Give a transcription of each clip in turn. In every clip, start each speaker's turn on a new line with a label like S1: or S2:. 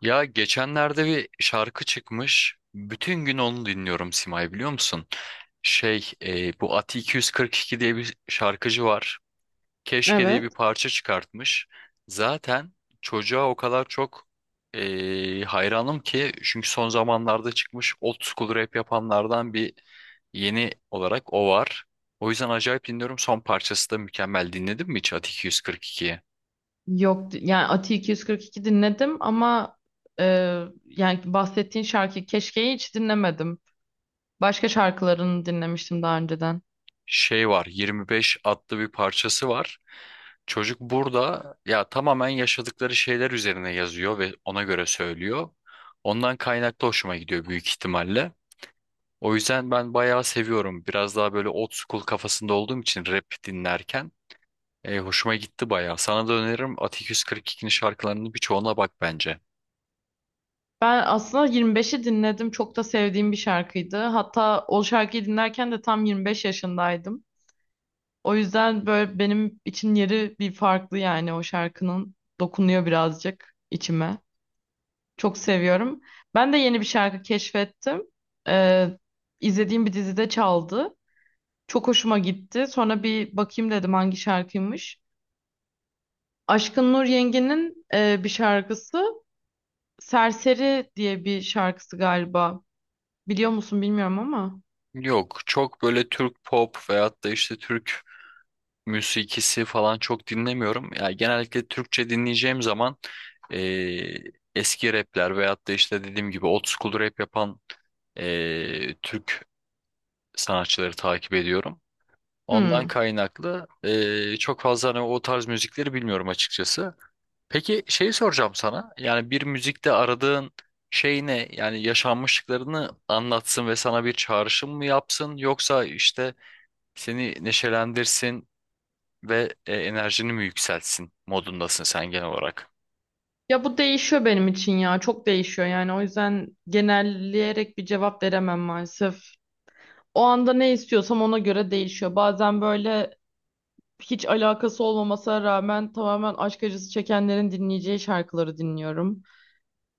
S1: Ya geçenlerde bir şarkı çıkmış. Bütün gün onu dinliyorum Simay, biliyor musun? Bu Ati 242 diye bir şarkıcı var. Keşke diye
S2: Evet.
S1: bir parça çıkartmış. Zaten çocuğa o kadar çok hayranım ki, çünkü son zamanlarda çıkmış old school rap yapanlardan bir yeni olarak o var. O yüzden acayip dinliyorum. Son parçası da mükemmel. Dinledin mi hiç Ati 242'yi?
S2: Yok yani Ati 242 dinledim ama e, yani bahsettiğin şarkı Keşke'yi hiç dinlemedim. Başka şarkılarını dinlemiştim daha önceden.
S1: Şey var, 25 adlı bir parçası var. Çocuk burada ya tamamen yaşadıkları şeyler üzerine yazıyor ve ona göre söylüyor. Ondan kaynaklı hoşuma gidiyor büyük ihtimalle. O yüzden ben bayağı seviyorum. Biraz daha böyle old school kafasında olduğum için rap dinlerken hoşuma gitti bayağı. Sana da öneririm, Atik 142'nin şarkılarının birçoğuna bak bence.
S2: Ben aslında 25'i dinledim. Çok da sevdiğim bir şarkıydı. Hatta o şarkıyı dinlerken de tam 25 yaşındaydım. O yüzden böyle benim için yeri bir farklı yani o şarkının dokunuyor birazcık içime. Çok seviyorum. Ben de yeni bir şarkı keşfettim. E, izlediğim bir dizide çaldı. Çok hoşuma gitti. Sonra bir bakayım dedim hangi şarkıymış. Aşkın Nur Yengi'nin bir şarkısı. Serseri diye bir şarkısı galiba. Biliyor musun bilmiyorum ama.
S1: Yok, çok böyle Türk pop veyahut da işte Türk müzikisi falan çok dinlemiyorum. Yani genellikle Türkçe dinleyeceğim zaman eee, eski rapler veyahut da işte dediğim gibi old school rap yapan Türk sanatçıları takip ediyorum. Ondan
S2: Hmm.
S1: kaynaklı çok fazla hani o tarz müzikleri bilmiyorum açıkçası. Peki şey soracağım sana. Yani bir müzikte aradığın şey ne? Yani yaşanmışlıklarını anlatsın ve sana bir çağrışım mı yapsın? Yoksa işte seni neşelendirsin ve enerjini mi yükseltsin modundasın sen genel olarak?
S2: Ya bu değişiyor benim için ya. Çok değişiyor yani. O yüzden genelleyerek bir cevap veremem maalesef. O anda ne istiyorsam ona göre değişiyor. Bazen böyle hiç alakası olmamasına rağmen tamamen aşk acısı çekenlerin dinleyeceği şarkıları dinliyorum.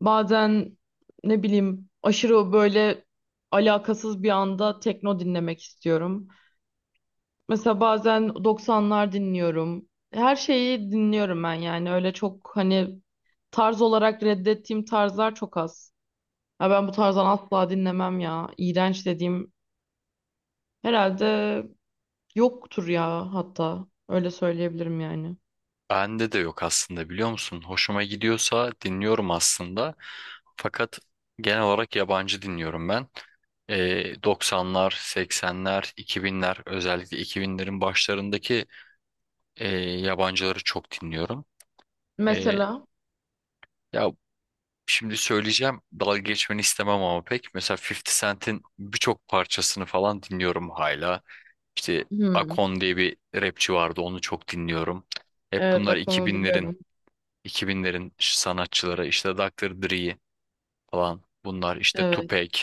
S2: Bazen ne bileyim aşırı böyle alakasız bir anda tekno dinlemek istiyorum. Mesela bazen doksanlar dinliyorum. Her şeyi dinliyorum ben yani öyle çok hani tarz olarak reddettiğim tarzlar çok az. Ya ben bu tarzdan asla dinlemem ya. İğrenç dediğim herhalde yoktur ya hatta öyle söyleyebilirim yani.
S1: Bende de yok aslında, biliyor musun? Hoşuma gidiyorsa dinliyorum aslında. Fakat genel olarak yabancı dinliyorum ben. 90'lar, 80'ler, 2000'ler, özellikle 2000'lerin başlarındaki yabancıları çok dinliyorum. E,
S2: Mesela
S1: Ya şimdi söyleyeceğim, dalga geçmeni istemem ama pek. Mesela 50 Cent'in birçok parçasını falan dinliyorum hala. İşte
S2: hmm,
S1: Akon diye bir rapçi vardı. Onu çok dinliyorum. Hep
S2: evet
S1: bunlar
S2: bak onu
S1: 2000'lerin
S2: biliyorum.
S1: 2000'lerin sanatçıları. İşte Dr. Dre falan. Bunlar işte
S2: Evet.
S1: Tupac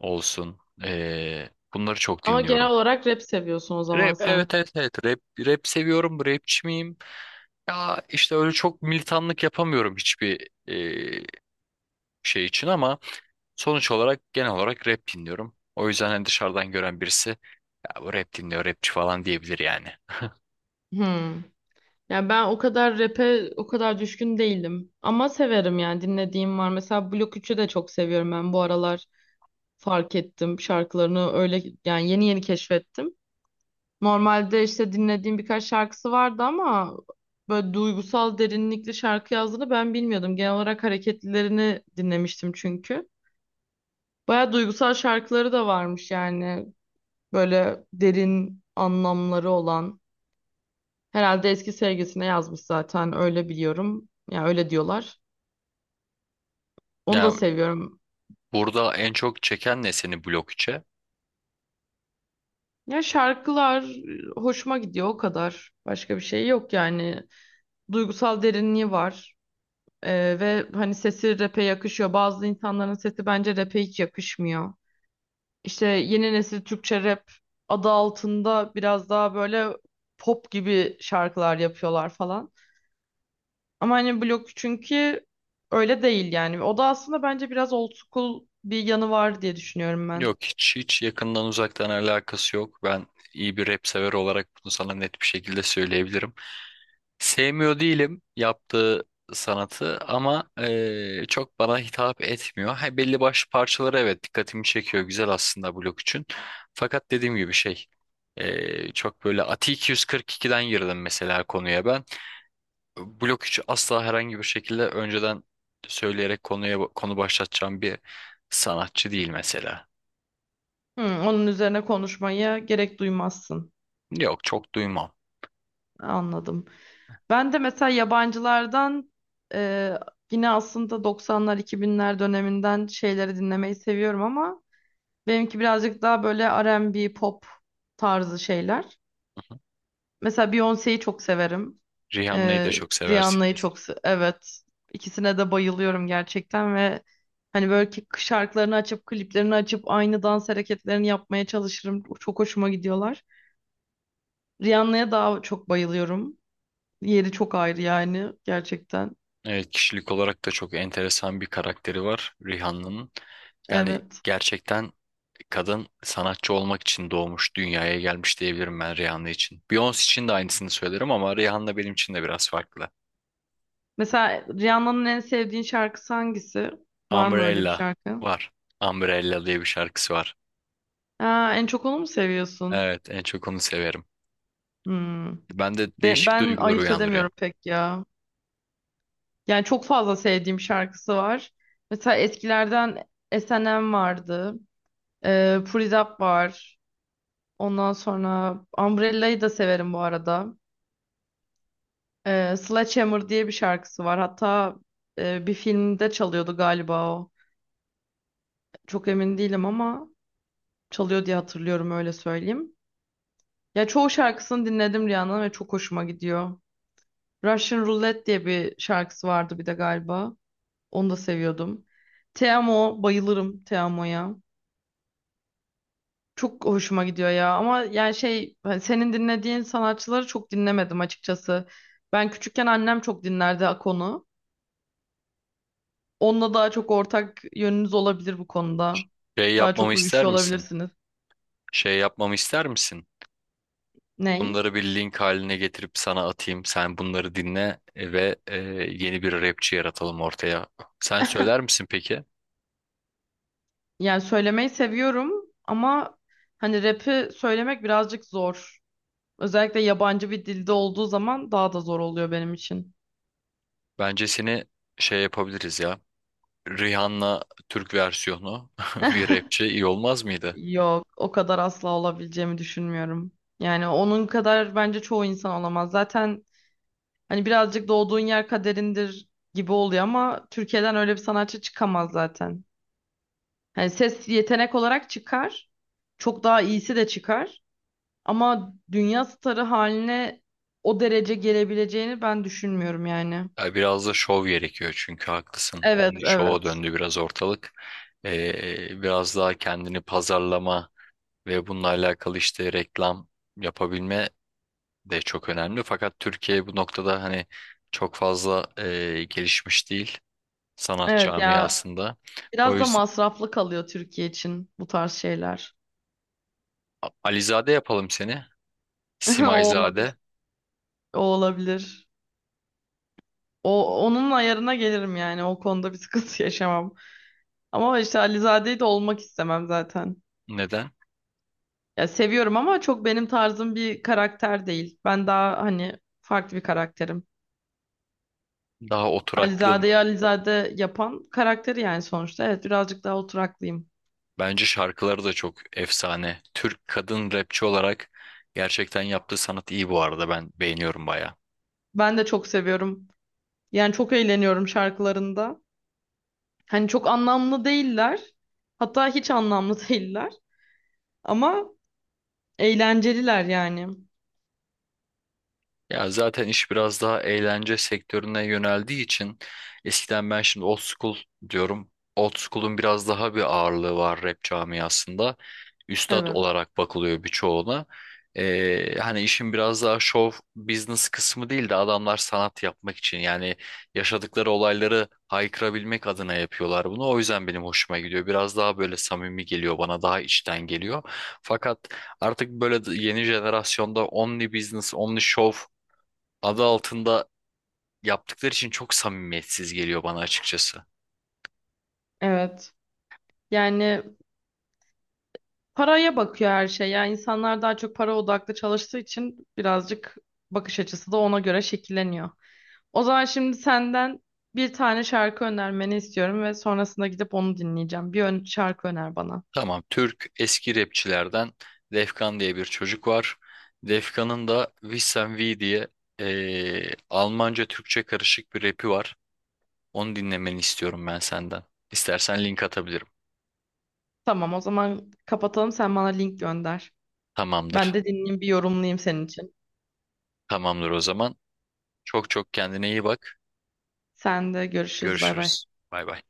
S1: olsun. Bunları çok
S2: Ama genel
S1: dinliyorum.
S2: olarak rap seviyorsun o zaman
S1: Rap,
S2: sen.
S1: evet evet evet, rap rap seviyorum. Rapçi miyim? Ya işte öyle çok militanlık yapamıyorum hiçbir şey için ama sonuç olarak genel olarak rap dinliyorum. O yüzden hani dışarıdan gören birisi ya bu rap dinliyor, rapçi falan diyebilir yani.
S2: Hmm. Yani ben o kadar rap'e o kadar düşkün değilim. Ama severim yani dinlediğim var. Mesela Blok 3'ü de çok seviyorum ben bu aralar. Fark ettim şarkılarını öyle yani yeni yeni keşfettim. Normalde işte dinlediğim birkaç şarkısı vardı ama böyle duygusal derinlikli şarkı yazdığını ben bilmiyordum. Genel olarak hareketlilerini dinlemiştim çünkü. Baya duygusal şarkıları da varmış yani. Böyle derin anlamları olan. Herhalde eski sevgisine yazmış zaten öyle biliyorum. Ya öyle diyorlar. Onu da
S1: Ya
S2: seviyorum.
S1: burada en çok çeken ne seni blok içe?
S2: Ya şarkılar hoşuma gidiyor o kadar. Başka bir şey yok yani. Duygusal derinliği var. Ve hani sesi rap'e yakışıyor. Bazı insanların sesi bence rap'e hiç yakışmıyor. İşte yeni nesil Türkçe rap adı altında biraz daha böyle pop gibi şarkılar yapıyorlar falan. Ama hani Blok çünkü öyle değil yani. O da aslında bence biraz old school bir yanı var diye düşünüyorum ben.
S1: Yok, hiç yakından uzaktan alakası yok. Ben iyi bir rap sever olarak bunu sana net bir şekilde söyleyebilirim. Sevmiyor değilim yaptığı sanatı ama çok bana hitap etmiyor. Ha, belli başlı parçaları evet dikkatimi çekiyor, güzel aslında blok için. Fakat dediğim gibi çok böyle Ati 242'den girdim mesela konuya ben. Blok 3'ü asla herhangi bir şekilde önceden söyleyerek konuya konu başlatacağım bir sanatçı değil mesela.
S2: Hı, onun üzerine konuşmaya gerek duymazsın.
S1: Yok, çok duymam.
S2: Anladım. Ben de mesela yabancılardan e, yine aslında 90'lar 2000'ler döneminden şeyleri dinlemeyi seviyorum ama benimki birazcık daha böyle R&B pop tarzı şeyler. Mesela Beyoncé'yi çok severim.
S1: Rihanna'yı da
S2: E,
S1: çok seversin.
S2: Rihanna'yı evet. İkisine de bayılıyorum gerçekten ve hani böyle ki şarkılarını açıp kliplerini açıp aynı dans hareketlerini yapmaya çalışırım. Çok hoşuma gidiyorlar. Rihanna'ya daha çok bayılıyorum. Yeri çok ayrı yani gerçekten.
S1: Evet, kişilik olarak da çok enteresan bir karakteri var Rihanna'nın. Yani
S2: Evet.
S1: gerçekten kadın sanatçı olmak için doğmuş, dünyaya gelmiş diyebilirim ben Rihanna için. Beyoncé için de aynısını söylerim ama Rihanna benim için de biraz farklı.
S2: Mesela Rihanna'nın en sevdiğin şarkısı hangisi? Var mı öyle bir
S1: Umbrella
S2: şarkı?
S1: var. Umbrella diye bir şarkısı var.
S2: Aa, en çok onu mu seviyorsun?
S1: Evet, en çok onu severim.
S2: Hmm.
S1: Ben de
S2: Ben,
S1: değişik
S2: ben
S1: duygular
S2: ayırt
S1: uyandırıyor.
S2: edemiyorum pek ya. Yani çok fazla sevdiğim şarkısı var. Mesela eskilerden S&M vardı. Put It Up var. Ondan sonra Umbrella'yı da severim bu arada. Sledgehammer diye bir şarkısı var. Hatta bir filmde çalıyordu galiba o. Çok emin değilim ama çalıyor diye hatırlıyorum öyle söyleyeyim. Ya çoğu şarkısını dinledim Rihanna'nın ve çok hoşuma gidiyor. Russian Roulette diye bir şarkısı vardı bir de galiba. Onu da seviyordum. Te Amo, bayılırım Te Amo'ya. Çok hoşuma gidiyor ya ama yani şey hani senin dinlediğin sanatçıları çok dinlemedim açıkçası. Ben küçükken annem çok dinlerdi Akon'u. Onunla daha çok ortak yönünüz olabilir bu konuda.
S1: Şey
S2: Daha
S1: yapmamı
S2: çok
S1: ister
S2: uyuşuyor
S1: misin?
S2: olabilirsiniz.
S1: Şey yapmamı ister misin?
S2: Ney?
S1: Bunları bir link haline getirip sana atayım. Sen bunları dinle ve yeni bir rapçi yaratalım ortaya. Sen söyler misin peki?
S2: Yani söylemeyi seviyorum ama hani rap'i söylemek birazcık zor. Özellikle yabancı bir dilde olduğu zaman daha da zor oluyor benim için.
S1: Bence seni şey yapabiliriz ya. Rihanna Türk versiyonu bir rapçi iyi olmaz mıydı?
S2: Yok, o kadar asla olabileceğimi düşünmüyorum. Yani onun kadar bence çoğu insan olamaz. Zaten hani birazcık doğduğun yer kaderindir gibi oluyor ama Türkiye'den öyle bir sanatçı çıkamaz zaten. Hani ses yetenek olarak çıkar. Çok daha iyisi de çıkar. Ama dünya starı haline o derece gelebileceğini ben düşünmüyorum yani.
S1: Ya biraz da şov gerekiyor çünkü haklısın.
S2: Evet,
S1: Only şova
S2: evet.
S1: döndü biraz ortalık. Biraz daha kendini pazarlama ve bununla alakalı işte reklam yapabilme de çok önemli. Fakat Türkiye bu noktada hani çok fazla gelişmiş değil sanat
S2: Evet ya,
S1: camiasında. O
S2: biraz da
S1: yüzden
S2: masraflı kalıyor Türkiye için bu tarz şeyler.
S1: Alizade yapalım seni.
S2: O olabilir.
S1: Simayzade.
S2: O olabilir. Onun ayarına gelirim yani. O konuda bir sıkıntı yaşamam. Ama işte Alizade'yi de olmak istemem zaten.
S1: Neden?
S2: Ya seviyorum ama çok benim tarzım bir karakter değil. Ben daha hani farklı bir karakterim.
S1: Daha oturaklı mı?
S2: Alizade'yi Alizade yapan karakteri yani sonuçta. Evet birazcık daha oturaklıyım.
S1: Bence şarkıları da çok efsane. Türk kadın rapçi olarak gerçekten yaptığı sanat iyi bu arada. Ben beğeniyorum bayağı.
S2: Ben de çok seviyorum. Yani çok eğleniyorum şarkılarında. Hani çok anlamlı değiller. Hatta hiç anlamlı değiller. Ama eğlenceliler yani.
S1: Ya zaten iş biraz daha eğlence sektörüne yöneldiği için eskiden ben şimdi old school diyorum. Old school'un biraz daha bir ağırlığı var rap camiasında. Üstad
S2: Evet.
S1: olarak bakılıyor birçoğuna. Hani işin biraz daha show business kısmı değil de adamlar sanat yapmak için yani yaşadıkları olayları haykırabilmek adına yapıyorlar bunu. O yüzden benim hoşuma gidiyor. Biraz daha böyle samimi geliyor bana, daha içten geliyor. Fakat artık böyle yeni jenerasyonda only business, only show adı altında yaptıkları için çok samimiyetsiz geliyor bana açıkçası.
S2: Evet. Yani paraya bakıyor her şey. Yani insanlar daha çok para odaklı çalıştığı için birazcık bakış açısı da ona göre şekilleniyor. O zaman şimdi senden bir tane şarkı önermeni istiyorum ve sonrasında gidip onu dinleyeceğim. Bir ön şarkı öner bana.
S1: Tamam, Türk eski rapçilerden Defkan diye bir çocuk var. Defkan'ın da Wissen V diye Almanca Türkçe karışık bir rapi var. Onu dinlemeni istiyorum ben senden. İstersen link atabilirim.
S2: Tamam, o zaman kapatalım. Sen bana link gönder. Ben
S1: Tamamdır.
S2: de dinleyeyim, bir yorumlayayım senin için.
S1: Tamamdır o zaman. Çok çok kendine iyi bak.
S2: Sen de görüşürüz. Bay bay.
S1: Görüşürüz. Bay bay.